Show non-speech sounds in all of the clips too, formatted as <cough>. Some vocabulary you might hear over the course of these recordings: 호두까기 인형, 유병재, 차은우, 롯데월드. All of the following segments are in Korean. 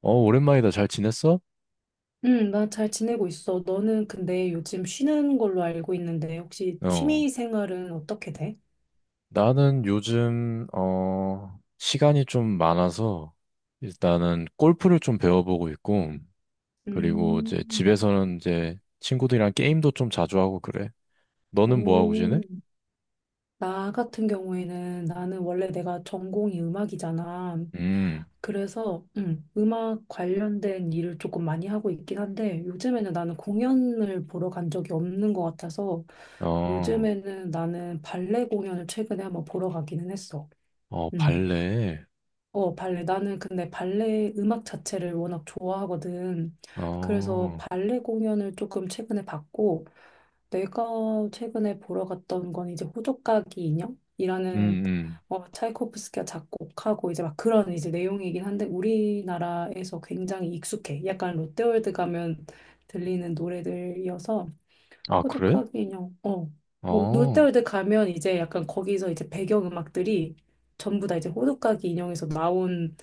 오랜만이다. 잘 지냈어? 응, 나 잘 지내고 있어. 너는 근데 요즘 쉬는 걸로 알고 있는데, 혹시 어, 취미 생활은 어떻게 돼? 나는 요즘, 시간이 좀 많아서 일단은 골프를 좀 배워보고 있고, 그리고 음, 이제 집에서는 이제 친구들이랑 게임도 좀 자주 하고 그래. 너는 뭐 하고 지내? 오, 나 같은 경우에는 나는 원래 내가 전공이 음악이잖아. 음, 그래서 음악 관련된 일을 조금 많이 하고 있긴 한데, 요즘에는 나는 공연을 보러 간 적이 없는 것 같아서, 어, 요즘에는 나는 발레 공연을 최근에 한번 보러 가기는 했어. 어, 응. 발레. 어, 발레. 나는 근데 발레 음악 자체를 워낙 좋아하거든. 그래서 어, 발레 공연을 조금 최근에 봤고, 내가 최근에 보러 갔던 건 이제 호두까기 음, 인형이라는 음. 차이코프스키가 작곡하고 이제 막 그런 이제 내용이긴 한데, 우리나라에서 굉장히 익숙해. 약간 롯데월드 가면 들리는 노래들이어서, 아, 그래? 호두까기 인형, 어. 오, 어, 롯데월드 가면 이제 약간 거기서 이제 배경음악들이 전부 다 이제 호두까기 인형에서 나온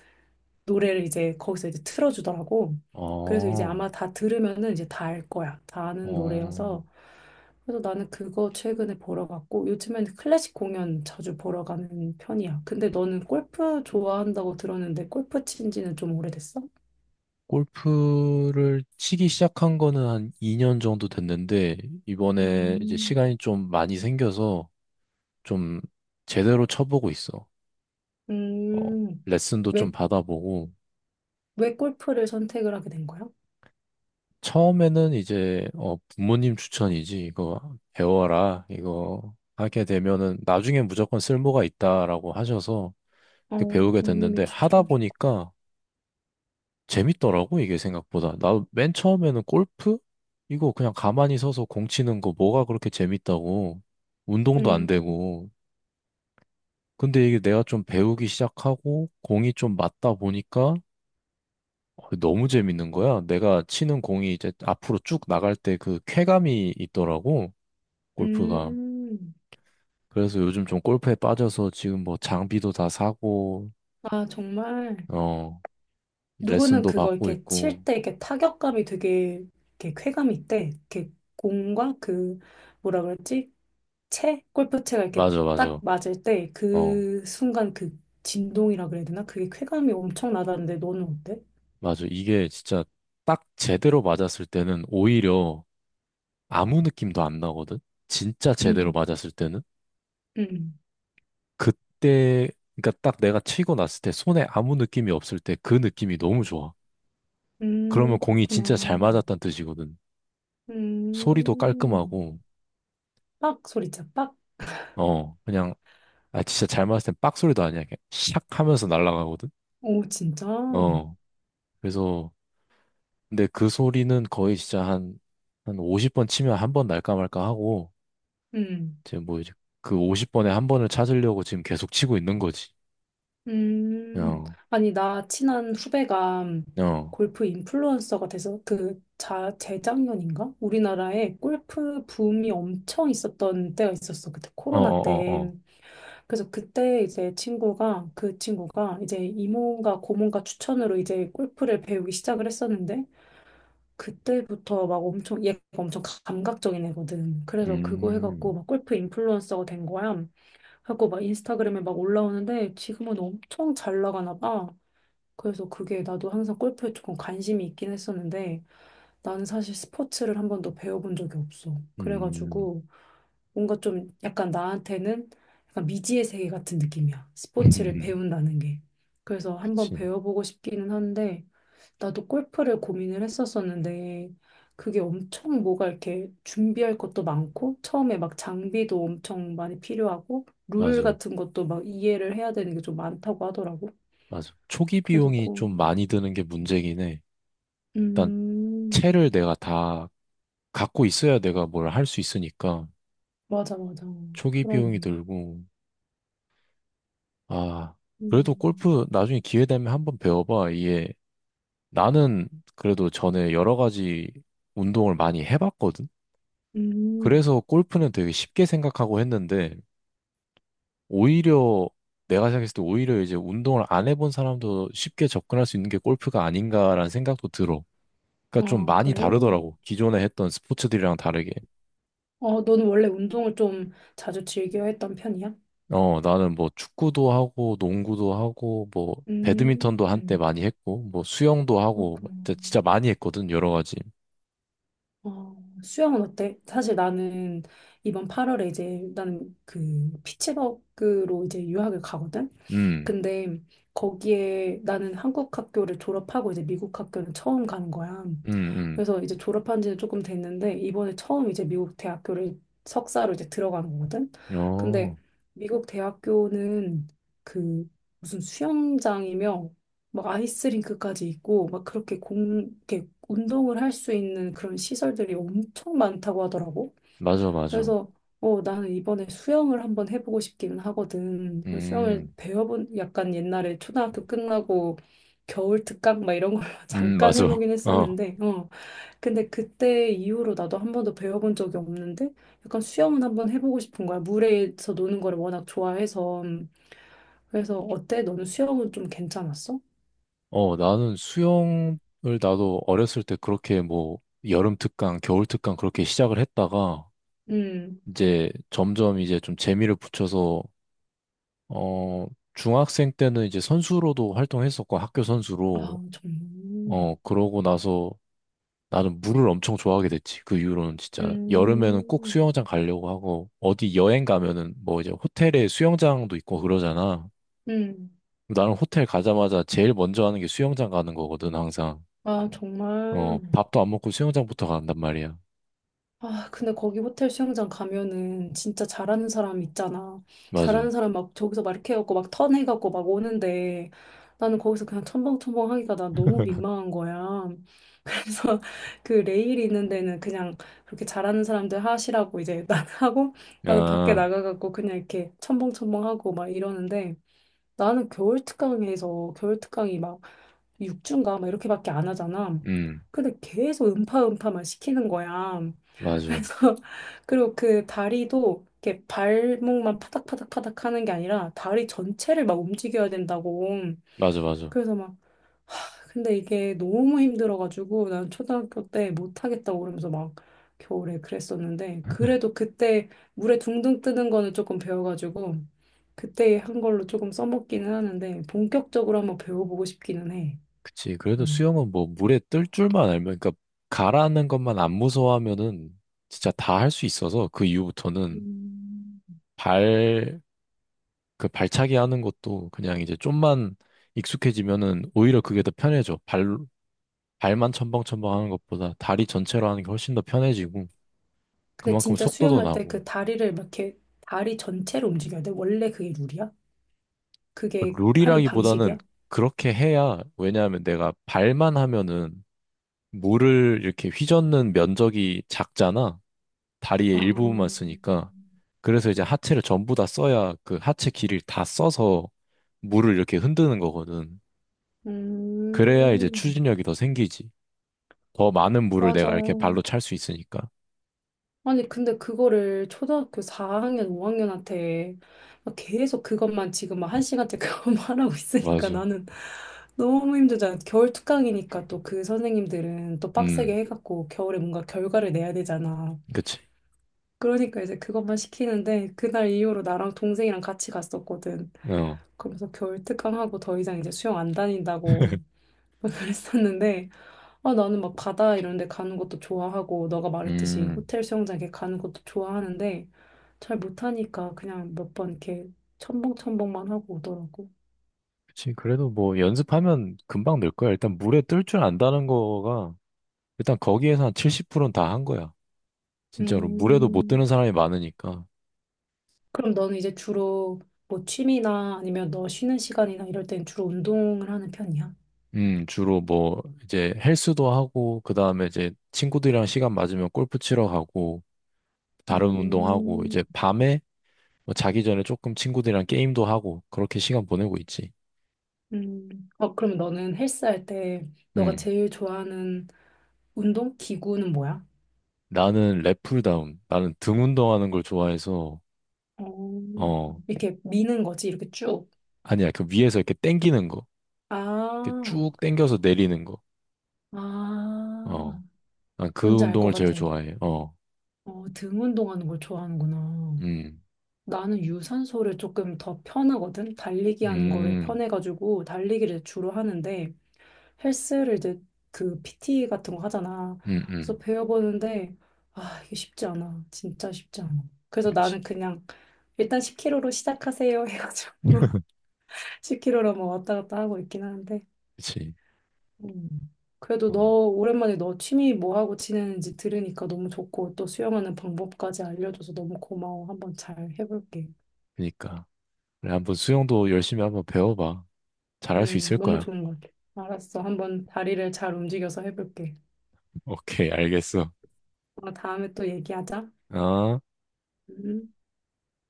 노래를 이제 거기서 이제 틀어주더라고. 그래서 이제 어, 아마 다 들으면은 이제 다 알 거야. 다 아는 어. 노래여서. 그래서 나는 그거 최근에 보러 갔고, 요즘에는 클래식 공연 자주 보러 가는 편이야. 근데 너는 골프 좋아한다고 들었는데, 골프 친 지는 좀 오래됐어? 골프를 치기 시작한 거는 한 2년 정도 됐는데, 이번에 이제 음. 시간이 좀 많이 생겨서 좀 제대로 쳐보고 있어. 어, 음, 레슨도 좀 왜, 받아보고, 왜 골프를 선택을 하게 된 거야? 처음에는 이제, 부모님 추천이지. 이거 배워라. 이거 하게 되면은 나중에 무조건 쓸모가 있다라고 하셔서 이렇게 어, 배우게 부모님이 됐는데, 하다 추천하셨고. 보니까 재밌더라고, 이게 생각보다. 나 맨 처음에는 골프? 이거 그냥 가만히 서서 공 치는 거 뭐가 그렇게 재밌다고. 운동도 안 음, 되고. 근데 이게 내가 좀 배우기 시작하고 공이 좀 맞다 보니까 너무 재밌는 거야. 내가 치는 공이 이제 앞으로 쭉 나갈 때 그 쾌감이 있더라고, 골프가. 음, 그래서 요즘 좀 골프에 빠져서 지금 뭐 장비도 다 사고, 아, 정말. 어, 누구는 레슨도 그거 받고 이렇게 칠 있고. 때 이렇게 타격감이 되게 이렇게 쾌감이 있대. 이렇게 공과 그 뭐라 그랬지? 채? 골프채가 이렇게 맞아, 딱 맞아. 맞을 때 어. 그 순간 그 진동이라 그래야 되나? 그게 쾌감이 엄청 나다는데 너는 어때? 맞아. 이게 진짜 딱 제대로 맞았을 때는 오히려 아무 느낌도 안 나거든? 진짜 제대로 음, 맞았을 때는? 음, 그때, 그러니까 딱 내가 치고 났을 때 손에 아무 느낌이 없을 때 그 느낌이 너무 좋아. 그러면 공이 그렇구나. 진짜 잘 맞았다는 뜻이거든. 소리도 음, 깔끔하고, 빡 소리쳐, 빡. 어, 그냥, 아, 진짜 잘 맞았을 땐 빡 소리도 아니야. 그냥 샥 하면서 날아가거든? 오, 진짜? 어, 그래서, 근데 그 소리는 거의 진짜 한 50번 치면 한 번 날까 말까 하고, 음. 지금 뭐 이제 그 50번에 한 번을 찾으려고 지금 계속 치고 있는 거지. 음, 어, 아니, 나 친한 후배가 어, 어, 골프 인플루언서가 돼서 그 재작년인가? 우리나라에 골프 붐이 엄청 있었던 때가 있었어. 그때 어, 코로나 어, 어. 때. 그래서 그때 이제 친구가, 그 친구가 이제 이모가 고모가 추천으로 이제 골프를 배우기 시작을 했었는데 그때부터 막 엄청, 얘가 엄청 감각적인 애거든. 그래서 그거 해갖고 음, 막 골프 인플루언서가 된 거야. 하고 막 인스타그램에 막 올라오는데 지금은 엄청 잘 나가나 봐. 그래서 그게 나도 항상 골프에 조금 관심이 있긴 했었는데 나는 사실 스포츠를 한 번도 배워본 적이 없어. 음, 그래가지고 뭔가 좀 약간 나한테는 약간 미지의 세계 같은 느낌이야. 스포츠를 <laughs> 배운다는 게. 그래서 한 번 그치. 배워보고 싶기는 한데 나도 골프를 고민을 했었었는데 그게 엄청 뭐가 이렇게 준비할 것도 많고 처음에 막 장비도 엄청 많이 필요하고 룰 맞아, 같은 것도 막 이해를 해야 되는 게 좀 많다고 하더라고. 맞아. 초기 그래서 비용이 고, 좀 많이 드는 게 문제긴 해. 일단 음, 채를 내가 다 갖고 있어야 내가 뭘 할 수 있으니까 맞아, 맞아. 초기 비용이 그러네. 들고, 아, 그래도 음, 골프 나중에 기회 되면 한번 배워봐. 이게 나는 그래도 전에 여러 가지 운동을 많이 해봤거든. 음, 그래서 골프는 되게 쉽게 생각하고 했는데, 오히려 내가 생각했을 때 오히려 이제 운동을 안 해본 사람도 쉽게 접근할 수 있는 게 골프가 아닌가라는 생각도 들어. 그러니까 좀 아, 많이 그래. 다르더라고. 기존에 했던 스포츠들이랑 다르게. 어, 너는 원래 운동을 좀 자주 즐겨 했던 편이야? 어, 나는 뭐 축구도 하고, 농구도 하고, 뭐, 음, 배드민턴도 한때 음, 많이 했고, 뭐, 수영도 하고, 뭐 그렇구나. 진짜 진짜 많이 했거든, 여러 가지. 어, 수영은 어때? 사실 나는 이번 8월에 이제 나는 그 피츠버그로 이제 유학을 가거든? 음, 근데 거기에 나는 한국 학교를 졸업하고 이제 미국 학교는 처음 가는 거야. 음, 그래서 이제 졸업한 지는 조금 됐는데 이번에 처음 이제 미국 대학교를 석사로 이제 들어가는 거거든. 근데 어, 미국 대학교는 그 무슨 수영장이며 막 아이스링크까지 있고 막 그렇게 공 이렇게 운동을 할 수 있는 그런 시설들이 엄청 많다고 하더라고. 맞아, 맞아. 그래서 나는 이번에 수영을 한번 해보고 싶기는 하거든. 수영을 음, 배워본 약간 옛날에 초등학교 끝나고 겨울 특강 막 이런 걸 <laughs> 잠깐 맞아. <laughs> 해보긴 어. 했었는데 어, 근데 그때 이후로 나도 한 번도 배워본 적이 없는데 약간 수영은 한번 해보고 싶은 거야. 물에서 노는 거를 워낙 좋아해서. 그래서 어때? 너는 수영은 좀 괜찮았어? 어, 나는 수영을 나도 어렸을 때 그렇게 뭐 여름 특강, 겨울 특강 그렇게 시작을 했다가 음. 이제 점점 이제 좀 재미를 붙여서 어, 중학생 때는 이제 선수로도 활동했었고 학교 선수로 아, 정말. 어, 그러고 나서 나는 물을 엄청 좋아하게 됐지. 그 이후로는 진짜 여름에는 꼭 음. 수영장 가려고 하고 어디 여행 가면은 뭐 이제 호텔에 수영장도 있고 그러잖아. 음. 나는 호텔 가자마자 제일 먼저 하는 게 수영장 가는 거거든, 항상. 아, 어, 정말. 밥도 안 먹고 수영장부터 간단 말이야. 아, 근데 거기 호텔 수영장 가면은 진짜 잘하는 사람 있잖아. 맞아. 잘하는 사람 막 저기서 막 이렇게 해갖고 막 턴해갖고 막 오는데 나는 거기서 그냥 첨벙첨벙 하기가 난 너무 민망한 거야. 그래서 <laughs> 그 레일 있는 데는 그냥 그렇게 잘하는 사람들 하시라고 이제 <laughs> 난 하고 나는 밖에 아, 나가갖고 그냥 이렇게 첨벙첨벙 하고 막 이러는데 나는 겨울 특강이 막 6주인가 막 이렇게밖에 안 하잖아. 음, 근데 계속 음파 음파만 시키는 거야. 맞아. 그래서 <laughs> 그리고 그 다리도 이렇게 발목만 파닥파닥파닥 하는 게 아니라 다리 전체를 막 움직여야 된다고. 맞아, 맞아. 그래서 막 근데 이게 너무 힘들어가지고 난 초등학교 때 못하겠다고 그러면서 막 겨울에 그랬었는데 그래도 그때 물에 둥둥 뜨는 거는 조금 배워가지고 그때 한 걸로 조금 써먹기는 하는데 본격적으로 한번 배워보고 싶기는 해. 그치. 그래도 음. 수영은 뭐 물에 뜰 줄만 알면, 그러니까 가라앉는 것만 안 무서워하면은 진짜 다 할 수 있어서 그 이후부터는 음. 발, 그 발차기 하는 것도 그냥 이제 좀만 익숙해지면은 오히려 그게 더 편해져. 발, 발만 첨벙첨벙 하는 것보다 다리 전체로 하는 게 훨씬 더 편해지고 근데 그만큼 진짜 속도도 수영할 때 나고. 그 다리를 막 이렇게 다리 전체를 움직여야 돼. 원래 그게 룰이야? 그게 하는 룰이라기보다는 방식이야? 그렇게 해야, 왜냐하면 내가 발만 하면은 물을 이렇게 휘젓는 면적이 작잖아. 다리의 아, 일부분만 쓰니까. 그래서 이제 하체를 전부 다 써야 그 하체 길이를 다 써서 물을 이렇게 흔드는 거거든. 그래야 이제 음, 추진력이 더 생기지. 더 많은 물을 맞아. 내가 이렇게 발로 찰 수 있으니까. 아니, 근데 그거를 초등학교 4학년, 5학년한테 계속 그것만 지금 막 한 시간째 <laughs> 그것만 하라고 있으니까 맞아. 나는 너무 힘들잖아. 겨울 특강이니까 또 그 선생님들은 또 빡세게 음, 해갖고 겨울에 뭔가 결과를 내야 되잖아. 그치. 그러니까 이제 그것만 시키는데 그날 이후로 나랑 동생이랑 같이 갔었거든. 어. 그러면서 겨울 특강하고 더 이상 이제 수영 안 다닌다고 <laughs> <laughs> 그랬었는데 아, 나는 막 바다 이런 데 가는 것도 좋아하고, 너가 말했듯이 음, 호텔 수영장 이렇게 가는 것도 좋아하는데, 잘 못하니까 그냥 몇 번 이렇게 첨벙첨벙만 하고 오더라고. 그치. 그래도 뭐 연습하면 금방 늘 거야. 일단 물에 뜰 줄 안다는 거가 일단 거기에서 한 70%는 다 한 거야. 진짜로. 물에도 못 드는 음, 사람이 많으니까. 그럼 너는 이제 주로 뭐 취미나 아니면 너 쉬는 시간이나 이럴 땐 주로 운동을 하는 편이야? 주로 뭐, 이제 헬스도 하고, 그 다음에 이제 친구들이랑 시간 맞으면 골프 치러 가고, 다른 운동하고, 음, 이제 밤에 뭐 자기 전에 조금 친구들이랑 게임도 하고, 그렇게 시간 보내고 있지. 어, 그럼 너는 헬스 할 때 너가 음, 제일 좋아하는 운동 기구는 뭐야? 나는 랩풀다운. 나는 등 운동하는 걸 좋아해서, 어, 어, 이렇게 미는 거지, 이렇게 쭉. 아니야. 그 위에서 이렇게 당기는 거. 이렇게 아, 쭉 당겨서 내리는 거. 어, 아, 난 그 뭔지 알 것 운동을 제일 같아. 좋아해. 어, 어, 등 운동하는 걸 좋아하는구나. 음, 나는 유산소를 조금 더 편하거든. 달리기 하는 거를 음. 편해가지고 달리기를 주로 하는데 헬스를 이제 그 PT 같은 거 하잖아. 응응 그래서 배워보는데 아, 이게 쉽지 않아. 진짜 쉽지 않아. 그래서 그치, 나는 그냥 일단 10kg로 시작하세요 해가지고 <laughs> 10kg로 뭐 왔다 갔다 하고 있긴 하는데 그치. 음. 그래도 너 어, 오랜만에 너 취미 뭐 하고 지내는지 들으니까 너무 좋고 또 수영하는 방법까지 알려줘서 너무 고마워. 한번 잘 해볼게. 그니까. 그래, 한번 수영도 열심히 한번 배워봐. 잘할 수 있을 너무 거야. 좋은 것 같아. 알았어. 한번 다리를 잘 움직여서 해볼게. <laughs> 오케이, 알겠어. 어, 다음에 또 얘기하자. 어? 음.